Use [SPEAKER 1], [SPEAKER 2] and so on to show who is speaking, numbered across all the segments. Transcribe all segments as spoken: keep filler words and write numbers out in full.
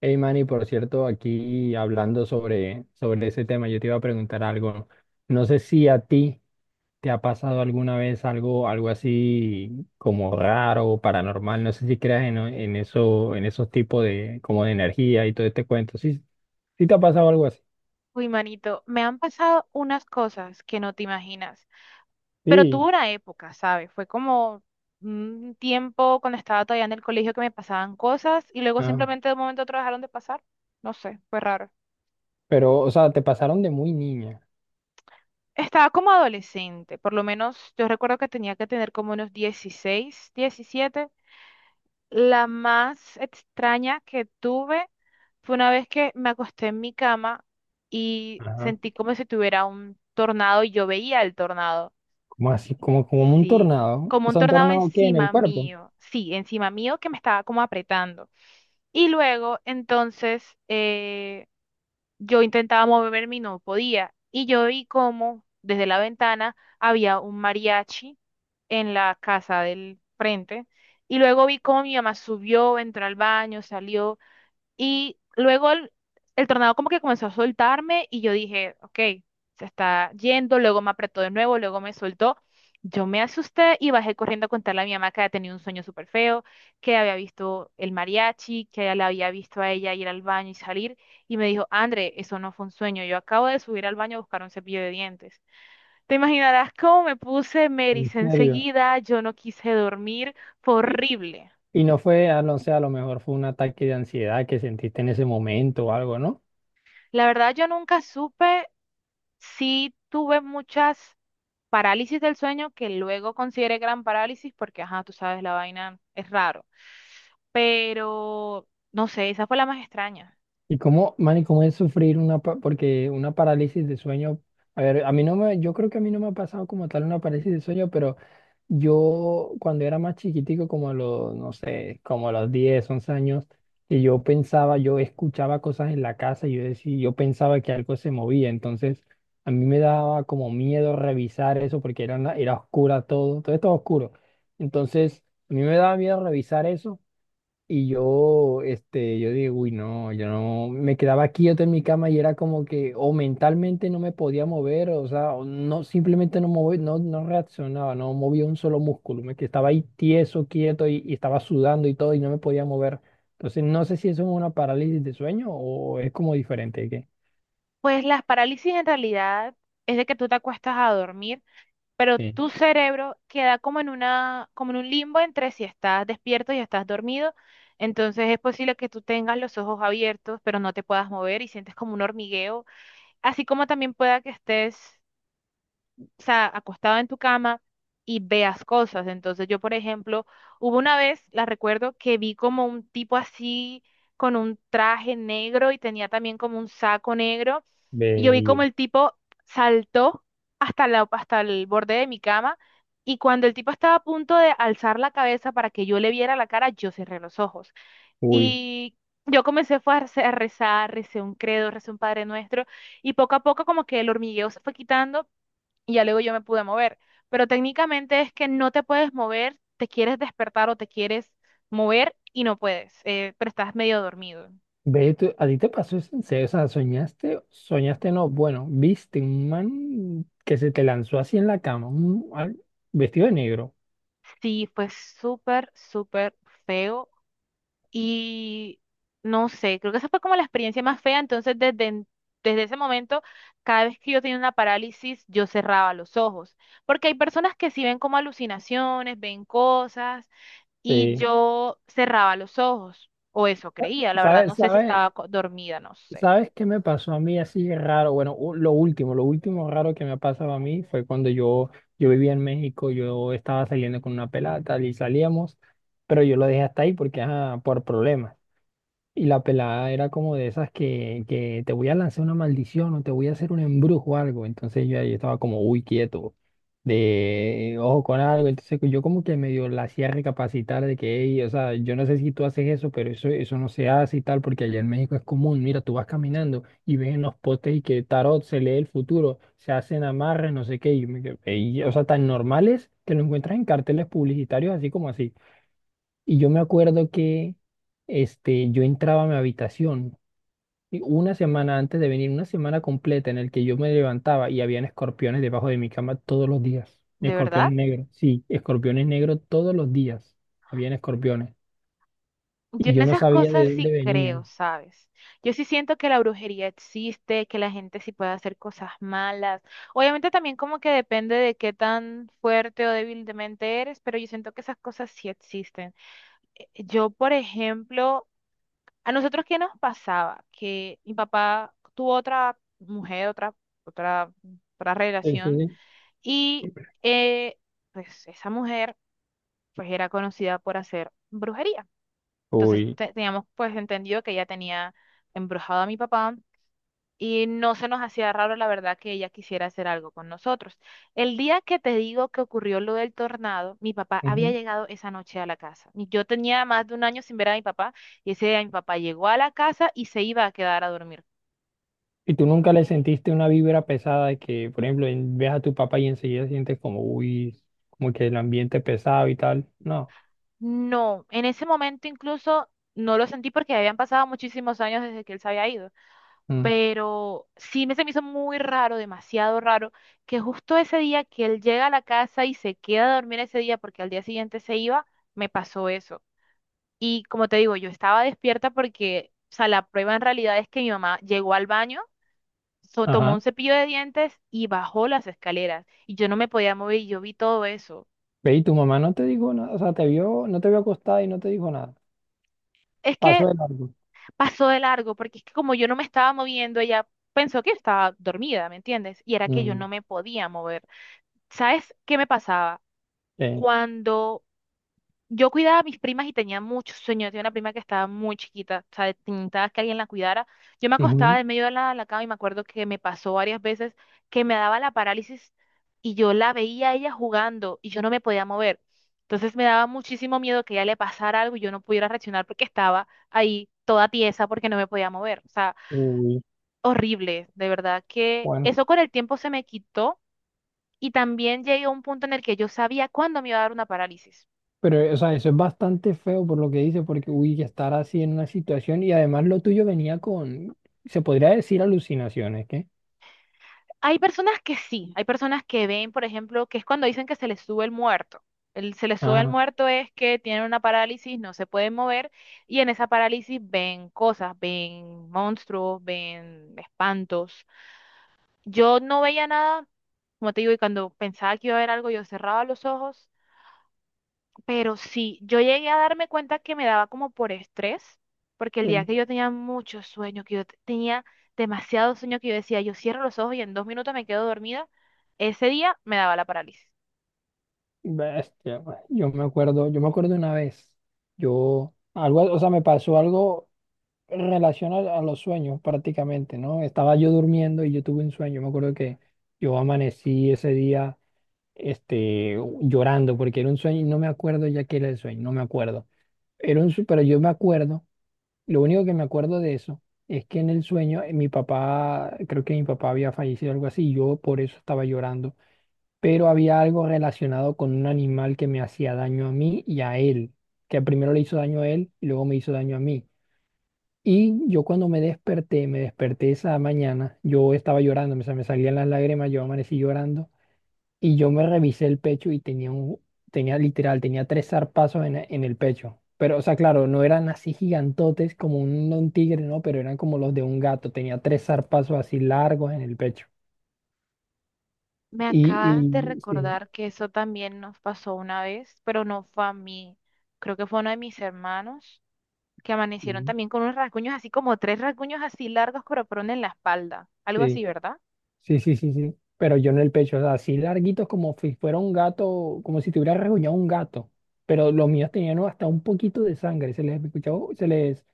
[SPEAKER 1] Hey Manny, por cierto, aquí hablando sobre, sobre ese tema, yo te iba a preguntar algo. No sé si a ti te ha pasado alguna vez algo, algo así como raro o paranormal. No sé si creas en, en eso, en esos tipos de, como de energía y todo este cuento. Sí, sí te ha pasado algo así.
[SPEAKER 2] Uy, manito, me han pasado unas cosas que no te imaginas, pero tuve
[SPEAKER 1] Sí,
[SPEAKER 2] una época, ¿sabes? Fue como un tiempo cuando estaba todavía en el colegio que me pasaban cosas y luego
[SPEAKER 1] ajá.
[SPEAKER 2] simplemente de un momento a otro dejaron de pasar. No sé, fue raro.
[SPEAKER 1] Pero, o sea, te pasaron de muy niña.
[SPEAKER 2] Estaba como adolescente, por lo menos yo recuerdo que tenía que tener como unos dieciséis, diecisiete. La más extraña que tuve fue una vez que me acosté en mi cama y
[SPEAKER 1] Ajá.
[SPEAKER 2] sentí como si tuviera un tornado y yo veía el tornado.
[SPEAKER 1] Como así? Como, como un
[SPEAKER 2] Sí, t-
[SPEAKER 1] tornado.
[SPEAKER 2] como
[SPEAKER 1] O
[SPEAKER 2] un
[SPEAKER 1] sea, un
[SPEAKER 2] tornado
[SPEAKER 1] tornado que en el
[SPEAKER 2] encima
[SPEAKER 1] cuerpo.
[SPEAKER 2] mío, sí, encima mío que me estaba como apretando. Y luego, entonces, eh, yo intentaba moverme y no podía. Y yo vi como desde la ventana había un mariachi en la casa del frente. Y luego vi cómo mi mamá subió, entró al baño, salió. Y luego el, el tornado como que comenzó a soltarme y yo dije, ok, se está yendo, luego me apretó de nuevo, luego me soltó. Yo me asusté y bajé corriendo a contarle a mi mamá que había tenido un sueño súper feo, que había visto el mariachi, que ella la había visto a ella ir al baño y salir. Y me dijo, André, eso no fue un sueño, yo acabo de subir al baño a buscar un cepillo de dientes. Te imaginarás cómo me puse, me
[SPEAKER 1] ¿En
[SPEAKER 2] ericé
[SPEAKER 1] serio?
[SPEAKER 2] enseguida, yo no quise dormir, fue horrible.
[SPEAKER 1] Y no fue, ah, no sé, a lo mejor fue un ataque de ansiedad que sentiste en ese momento o algo, ¿no?
[SPEAKER 2] La verdad, yo nunca supe. Sí tuve muchas parálisis del sueño que luego consideré gran parálisis porque, ajá, tú sabes, la vaina es raro. Pero, no sé, esa fue la más extraña.
[SPEAKER 1] Y cómo, man, y cómo es sufrir una, pa- porque una parálisis de sueño, a ver, a mí no me, yo creo que a mí no me ha pasado como tal una parálisis de sueño, pero yo cuando era más chiquitico, como a los, no sé, como a los diez, once años, y yo pensaba, yo escuchaba cosas en la casa y yo decía, yo pensaba que algo se movía. Entonces a mí me daba como miedo revisar eso porque era, una- era oscura todo, todo estaba oscuro. Entonces, a mí me daba miedo revisar eso y yo, este, yo digo, uy, no, yo no, me quedaba quieto en mi cama y era como que o mentalmente no me podía mover, o sea, o no, simplemente no moví, no, no reaccionaba, no movía un solo músculo, me que estaba ahí tieso, quieto y, y estaba sudando y todo y no me podía mover. Entonces, no sé si eso es una parálisis de sueño o es como diferente, ¿qué?
[SPEAKER 2] Pues las parálisis en realidad es de que tú te acuestas a dormir, pero
[SPEAKER 1] Sí,
[SPEAKER 2] tu cerebro queda como en una, como en un limbo entre si estás despierto y estás dormido. Entonces es posible que tú tengas los ojos abiertos, pero no te puedas mover y sientes como un hormigueo, así como también pueda que estés, o sea, acostado en tu cama y veas cosas. Entonces yo, por ejemplo, hubo una vez, la recuerdo, que vi como un tipo así con un traje negro y tenía también como un saco negro. Y yo
[SPEAKER 1] ve
[SPEAKER 2] vi como
[SPEAKER 1] bien.
[SPEAKER 2] el tipo saltó hasta la, hasta el borde de mi cama y cuando el tipo estaba a punto de alzar la cabeza para que yo le viera la cara, yo cerré los ojos.
[SPEAKER 1] Uy.
[SPEAKER 2] Y yo comencé fue a rece- a rezar, recé un credo, recé un Padre Nuestro y poco a poco como que el hormigueo se fue quitando y ya luego yo me pude mover. Pero técnicamente es que no te puedes mover, te quieres despertar o te quieres mover y no puedes, eh, pero estás medio dormido.
[SPEAKER 1] Ve, tú- ¿a ti te pasó eso en serio? O sea, soñaste, soñaste no, bueno, viste un man que se te lanzó así en la cama, un, al- vestido de negro.
[SPEAKER 2] Sí, fue súper, súper feo y no sé, creo que esa fue como la experiencia más fea. Entonces, desde, en- desde ese momento, cada vez que yo tenía una parálisis, yo cerraba los ojos. Porque hay personas que sí ven como alucinaciones, ven cosas y
[SPEAKER 1] Sí.
[SPEAKER 2] yo cerraba los ojos, o eso creía, la verdad no
[SPEAKER 1] ¿Sabes,
[SPEAKER 2] sé si
[SPEAKER 1] sabes,
[SPEAKER 2] estaba co- dormida, no sé,
[SPEAKER 1] sabes qué me pasó a mí así raro? Bueno, u- lo último, lo último raro que me ha pasado a mí fue cuando yo, yo vivía en México. Yo estaba saliendo con una pelada tal, y salíamos, pero yo lo dejé hasta ahí porque, ajá, por problemas. Y la pelada era como de esas que, que te voy a lanzar una maldición o te voy a hacer un embrujo o algo. Entonces yo ahí estaba como, uy, quieto, de ojo con algo. Entonces yo como que medio la hacía recapacitar de que: "Ey, o sea, yo no sé si tú haces eso, pero eso, eso no se hace y tal, porque allá en México es común". Mira, tú vas caminando y ves en los postes y que tarot, se lee el futuro, se hacen amarres, no sé qué. Y yo me quedé: "Ey", o sea, tan normales que lo encuentras en carteles publicitarios así como así. Y yo me acuerdo que este, yo entraba a mi habitación y una semana antes de venir, una semana completa en el que yo me levantaba y habían escorpiones debajo de mi cama todos los días.
[SPEAKER 2] de
[SPEAKER 1] Escorpiones
[SPEAKER 2] verdad.
[SPEAKER 1] negros, sí, escorpiones negros todos los días. Habían escorpiones.
[SPEAKER 2] Yo
[SPEAKER 1] Y
[SPEAKER 2] en
[SPEAKER 1] yo no
[SPEAKER 2] esas
[SPEAKER 1] sabía
[SPEAKER 2] cosas
[SPEAKER 1] de dónde
[SPEAKER 2] sí creo,
[SPEAKER 1] venían.
[SPEAKER 2] ¿sabes? Yo sí siento que la brujería existe, que la gente sí puede hacer cosas malas. Obviamente también como que depende de qué tan fuerte o débil de mente eres, pero yo siento que esas cosas sí existen. Eh, Yo, por ejemplo, a nosotros qué nos pasaba? Que mi papá tuvo otra mujer, otra, otra, otra
[SPEAKER 1] Sí, sí,
[SPEAKER 2] relación.
[SPEAKER 1] sí.
[SPEAKER 2] Y eh, pues esa mujer pues era conocida por hacer brujería. Entonces
[SPEAKER 1] Uy.
[SPEAKER 2] te- teníamos pues entendido que ella tenía embrujado a mi papá y no se nos hacía raro la verdad que ella quisiera hacer algo con nosotros. El día que te digo que ocurrió lo del tornado, mi papá había
[SPEAKER 1] Ujú.
[SPEAKER 2] llegado esa noche a la casa. Y yo tenía más de un año sin ver a mi papá y ese día mi papá llegó a la casa y se iba a quedar a dormir.
[SPEAKER 1] Y tú nunca le sentiste una vibra pesada de que, por ejemplo, en- ves a tu papá y enseguida sientes como, uy, como que el ambiente pesado y tal. No.
[SPEAKER 2] No, en ese momento incluso no lo sentí porque habían pasado muchísimos años desde que él se había ido.
[SPEAKER 1] Mm.
[SPEAKER 2] Pero sí me se me hizo muy raro, demasiado raro, que justo ese día que él llega a la casa y se queda a dormir ese día porque al día siguiente se iba, me pasó eso. Y como te digo, yo estaba despierta porque, o sea, la prueba en realidad es que mi mamá llegó al baño, so- tomó
[SPEAKER 1] Ajá.
[SPEAKER 2] un cepillo de dientes y bajó las escaleras y yo no me podía mover y yo vi todo eso.
[SPEAKER 1] Ve, y tu mamá no te dijo nada, o sea, te vio, no te vio acostada y no te dijo nada.
[SPEAKER 2] Es
[SPEAKER 1] Pasó
[SPEAKER 2] que
[SPEAKER 1] de largo.
[SPEAKER 2] pasó de largo porque es que como yo no me estaba moviendo, ella pensó que estaba dormida, ¿me entiendes? Y era que yo
[SPEAKER 1] Mm,
[SPEAKER 2] no me podía mover. ¿Sabes qué me pasaba?
[SPEAKER 1] eh,
[SPEAKER 2] Cuando yo cuidaba a mis primas y tenía mucho sueño, yo tenía una prima que estaba muy chiquita, o sea, necesitaba que alguien la cuidara, yo me
[SPEAKER 1] ujú.
[SPEAKER 2] acostaba en medio de la, la cama y me acuerdo que me pasó varias veces que me daba la parálisis y yo la veía a ella jugando y yo no me podía mover. Entonces me daba muchísimo miedo que a ella le pasara algo y yo no pudiera reaccionar porque estaba ahí toda tiesa porque no me podía mover. O sea,
[SPEAKER 1] Uy,
[SPEAKER 2] horrible, de verdad que
[SPEAKER 1] bueno.
[SPEAKER 2] eso con el tiempo se me quitó y también llegué a un punto en el que yo sabía cuándo me iba a dar una parálisis.
[SPEAKER 1] Pero, o sea, eso es bastante feo por lo que dice, porque, uy, que estar así en una situación y además lo tuyo venía con, se podría decir, alucinaciones, ¿qué?
[SPEAKER 2] Hay personas que sí, hay personas que ven, por ejemplo, que es cuando dicen que se les sube el muerto. El, se les sube el
[SPEAKER 1] Ajá.
[SPEAKER 2] muerto es que tienen una parálisis, no se pueden mover y en esa parálisis ven cosas, ven monstruos, ven espantos. Yo no veía nada, como te digo, y cuando pensaba que iba a ver algo, yo cerraba los ojos. Pero sí, yo llegué a darme cuenta que me daba como por estrés, porque el día
[SPEAKER 1] Sí.
[SPEAKER 2] que yo tenía mucho sueño, que yo te- tenía demasiado sueño, que yo decía, yo cierro los ojos y en dos minutos me quedo dormida, ese día me daba la parálisis.
[SPEAKER 1] Bestia, güey. yo me acuerdo, yo me acuerdo una vez, yo, algo, o sea, me pasó algo en relación a, a los sueños prácticamente, ¿no? Estaba yo durmiendo y yo tuve un sueño. Me acuerdo que yo amanecí ese día este, llorando porque era un sueño y no me acuerdo ya qué era el sueño, no me acuerdo. Era un, sue- pero yo me acuerdo, lo único que me acuerdo de eso es que en el sueño eh, mi papá, creo que mi papá había fallecido algo así y yo por eso estaba llorando, pero había algo relacionado con un animal que me hacía daño a mí y a él, que primero le hizo daño a él y luego me hizo daño a mí. Y yo cuando me desperté, me desperté esa mañana, yo estaba llorando, me, sa- me salían las lágrimas, yo amanecí llorando y yo me revisé el pecho y tenía un, tenía literal, tenía tres zarpazos en, en el pecho. Pero, o sea, claro, no eran así gigantotes como un, un tigre, ¿no? Pero eran como los de un gato, tenía tres zarpazos así largos en el pecho.
[SPEAKER 2] Me
[SPEAKER 1] Y,
[SPEAKER 2] acabas de
[SPEAKER 1] y sí,
[SPEAKER 2] recordar que eso también nos pasó una vez, pero no fue a mí. Creo que fue a uno de mis hermanos que amanecieron
[SPEAKER 1] sí,
[SPEAKER 2] también con unos rasguños así como tres rasguños así largos, pero fueron en la espalda. Algo
[SPEAKER 1] sí.
[SPEAKER 2] así, ¿verdad?
[SPEAKER 1] Sí, sí, sí, sí. Pero yo en el pecho, o sea, así larguitos como si fuera un gato, como si tuviera rasguñado un gato. Pero los míos tenían hasta un poquito de sangre, se les escuchaba, se les,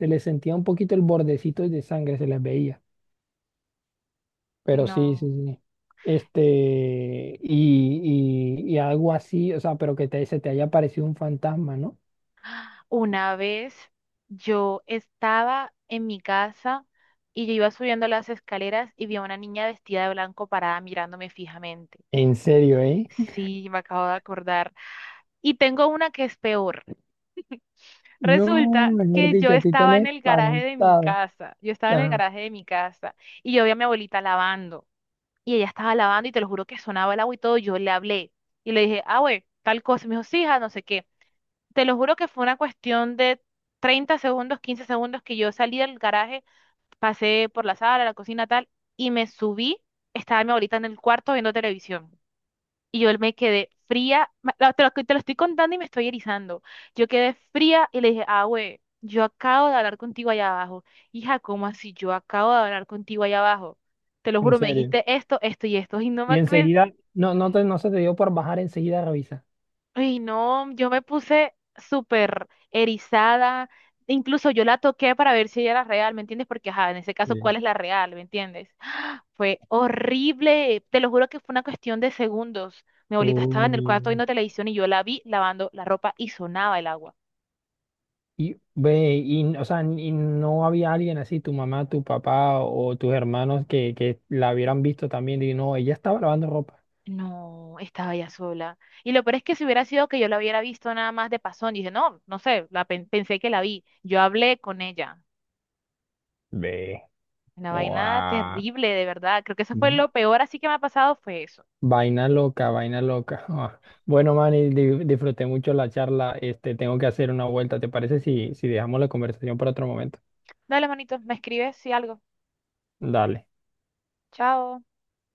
[SPEAKER 1] se les sentía un poquito el bordecito de sangre, se les veía.
[SPEAKER 2] Y
[SPEAKER 1] Pero sí, sí,
[SPEAKER 2] no.
[SPEAKER 1] sí. Este, y, y, y algo así, o sea, pero que te, se te haya parecido un fantasma, ¿no?
[SPEAKER 2] Una vez yo estaba en mi casa y yo iba subiendo las escaleras y vi a una niña vestida de blanco parada mirándome fijamente.
[SPEAKER 1] ¿En serio, eh?
[SPEAKER 2] Sí, me acabo de acordar. Y tengo una que es peor.
[SPEAKER 1] No,
[SPEAKER 2] Resulta
[SPEAKER 1] mejor
[SPEAKER 2] que yo
[SPEAKER 1] dicho, a ti te han
[SPEAKER 2] estaba en el garaje de mi
[SPEAKER 1] espantado.
[SPEAKER 2] casa, yo estaba en el
[SPEAKER 1] Ah,
[SPEAKER 2] garaje de mi casa y yo vi a mi abuelita lavando y ella estaba lavando y te lo juro que sonaba el agua y todo, yo le hablé y le dije, ah, güey, tal cosa, me dijo, sí, hija, no sé qué. Te lo juro que fue una cuestión de treinta segundos, quince segundos que yo salí del garaje, pasé por la sala, la cocina, tal, y me subí, estaba mi abuelita en el cuarto viendo televisión. Y yo me quedé fría, ma- la- te lo, te lo estoy contando y me estoy erizando. Yo quedé fría y le dije, ah, güey, yo acabo de hablar contigo allá abajo. Hija, ¿cómo así? Yo acabo de hablar contigo allá abajo. Te lo
[SPEAKER 1] ¿en
[SPEAKER 2] juro, me
[SPEAKER 1] serio?
[SPEAKER 2] dijiste esto, esto y esto. Y no me
[SPEAKER 1] Y
[SPEAKER 2] acuerdo.
[SPEAKER 1] enseguida, no, no, te, no se te dio por bajar enseguida a revisar.
[SPEAKER 2] Ay, no, yo me puse súper erizada. Incluso yo la toqué para ver si ella era real, ¿me entiendes? Porque, ajá, en ese caso,
[SPEAKER 1] Sí.
[SPEAKER 2] ¿cuál es la real? ¿Me entiendes? Fue horrible. Te lo juro que fue una cuestión de segundos. Mi abuelita estaba en el
[SPEAKER 1] Uy.
[SPEAKER 2] cuarto viendo televisión y yo la vi lavando la ropa y sonaba el agua.
[SPEAKER 1] Y ve, y, o sea, y no había alguien así, tu mamá, tu papá o tus hermanos que, que la hubieran visto también y no, ella estaba lavando ropa.
[SPEAKER 2] No, estaba ya sola. Y lo peor es que si hubiera sido que yo la hubiera visto nada más de pasón, dije, no, no sé, la pen- pensé que la vi. Yo hablé con ella.
[SPEAKER 1] Ve,
[SPEAKER 2] Una vaina
[SPEAKER 1] guau.
[SPEAKER 2] terrible, de verdad. Creo que eso fue
[SPEAKER 1] Mm.
[SPEAKER 2] lo peor así que me ha pasado, fue eso.
[SPEAKER 1] Vaina loca, vaina loca. Ah. Bueno, Manny, di- disfruté mucho la charla. Este, tengo que hacer una vuelta. ¿Te parece si, si dejamos la conversación para otro momento?
[SPEAKER 2] Dale, manito, me escribes si algo.
[SPEAKER 1] Dale.
[SPEAKER 2] Chao.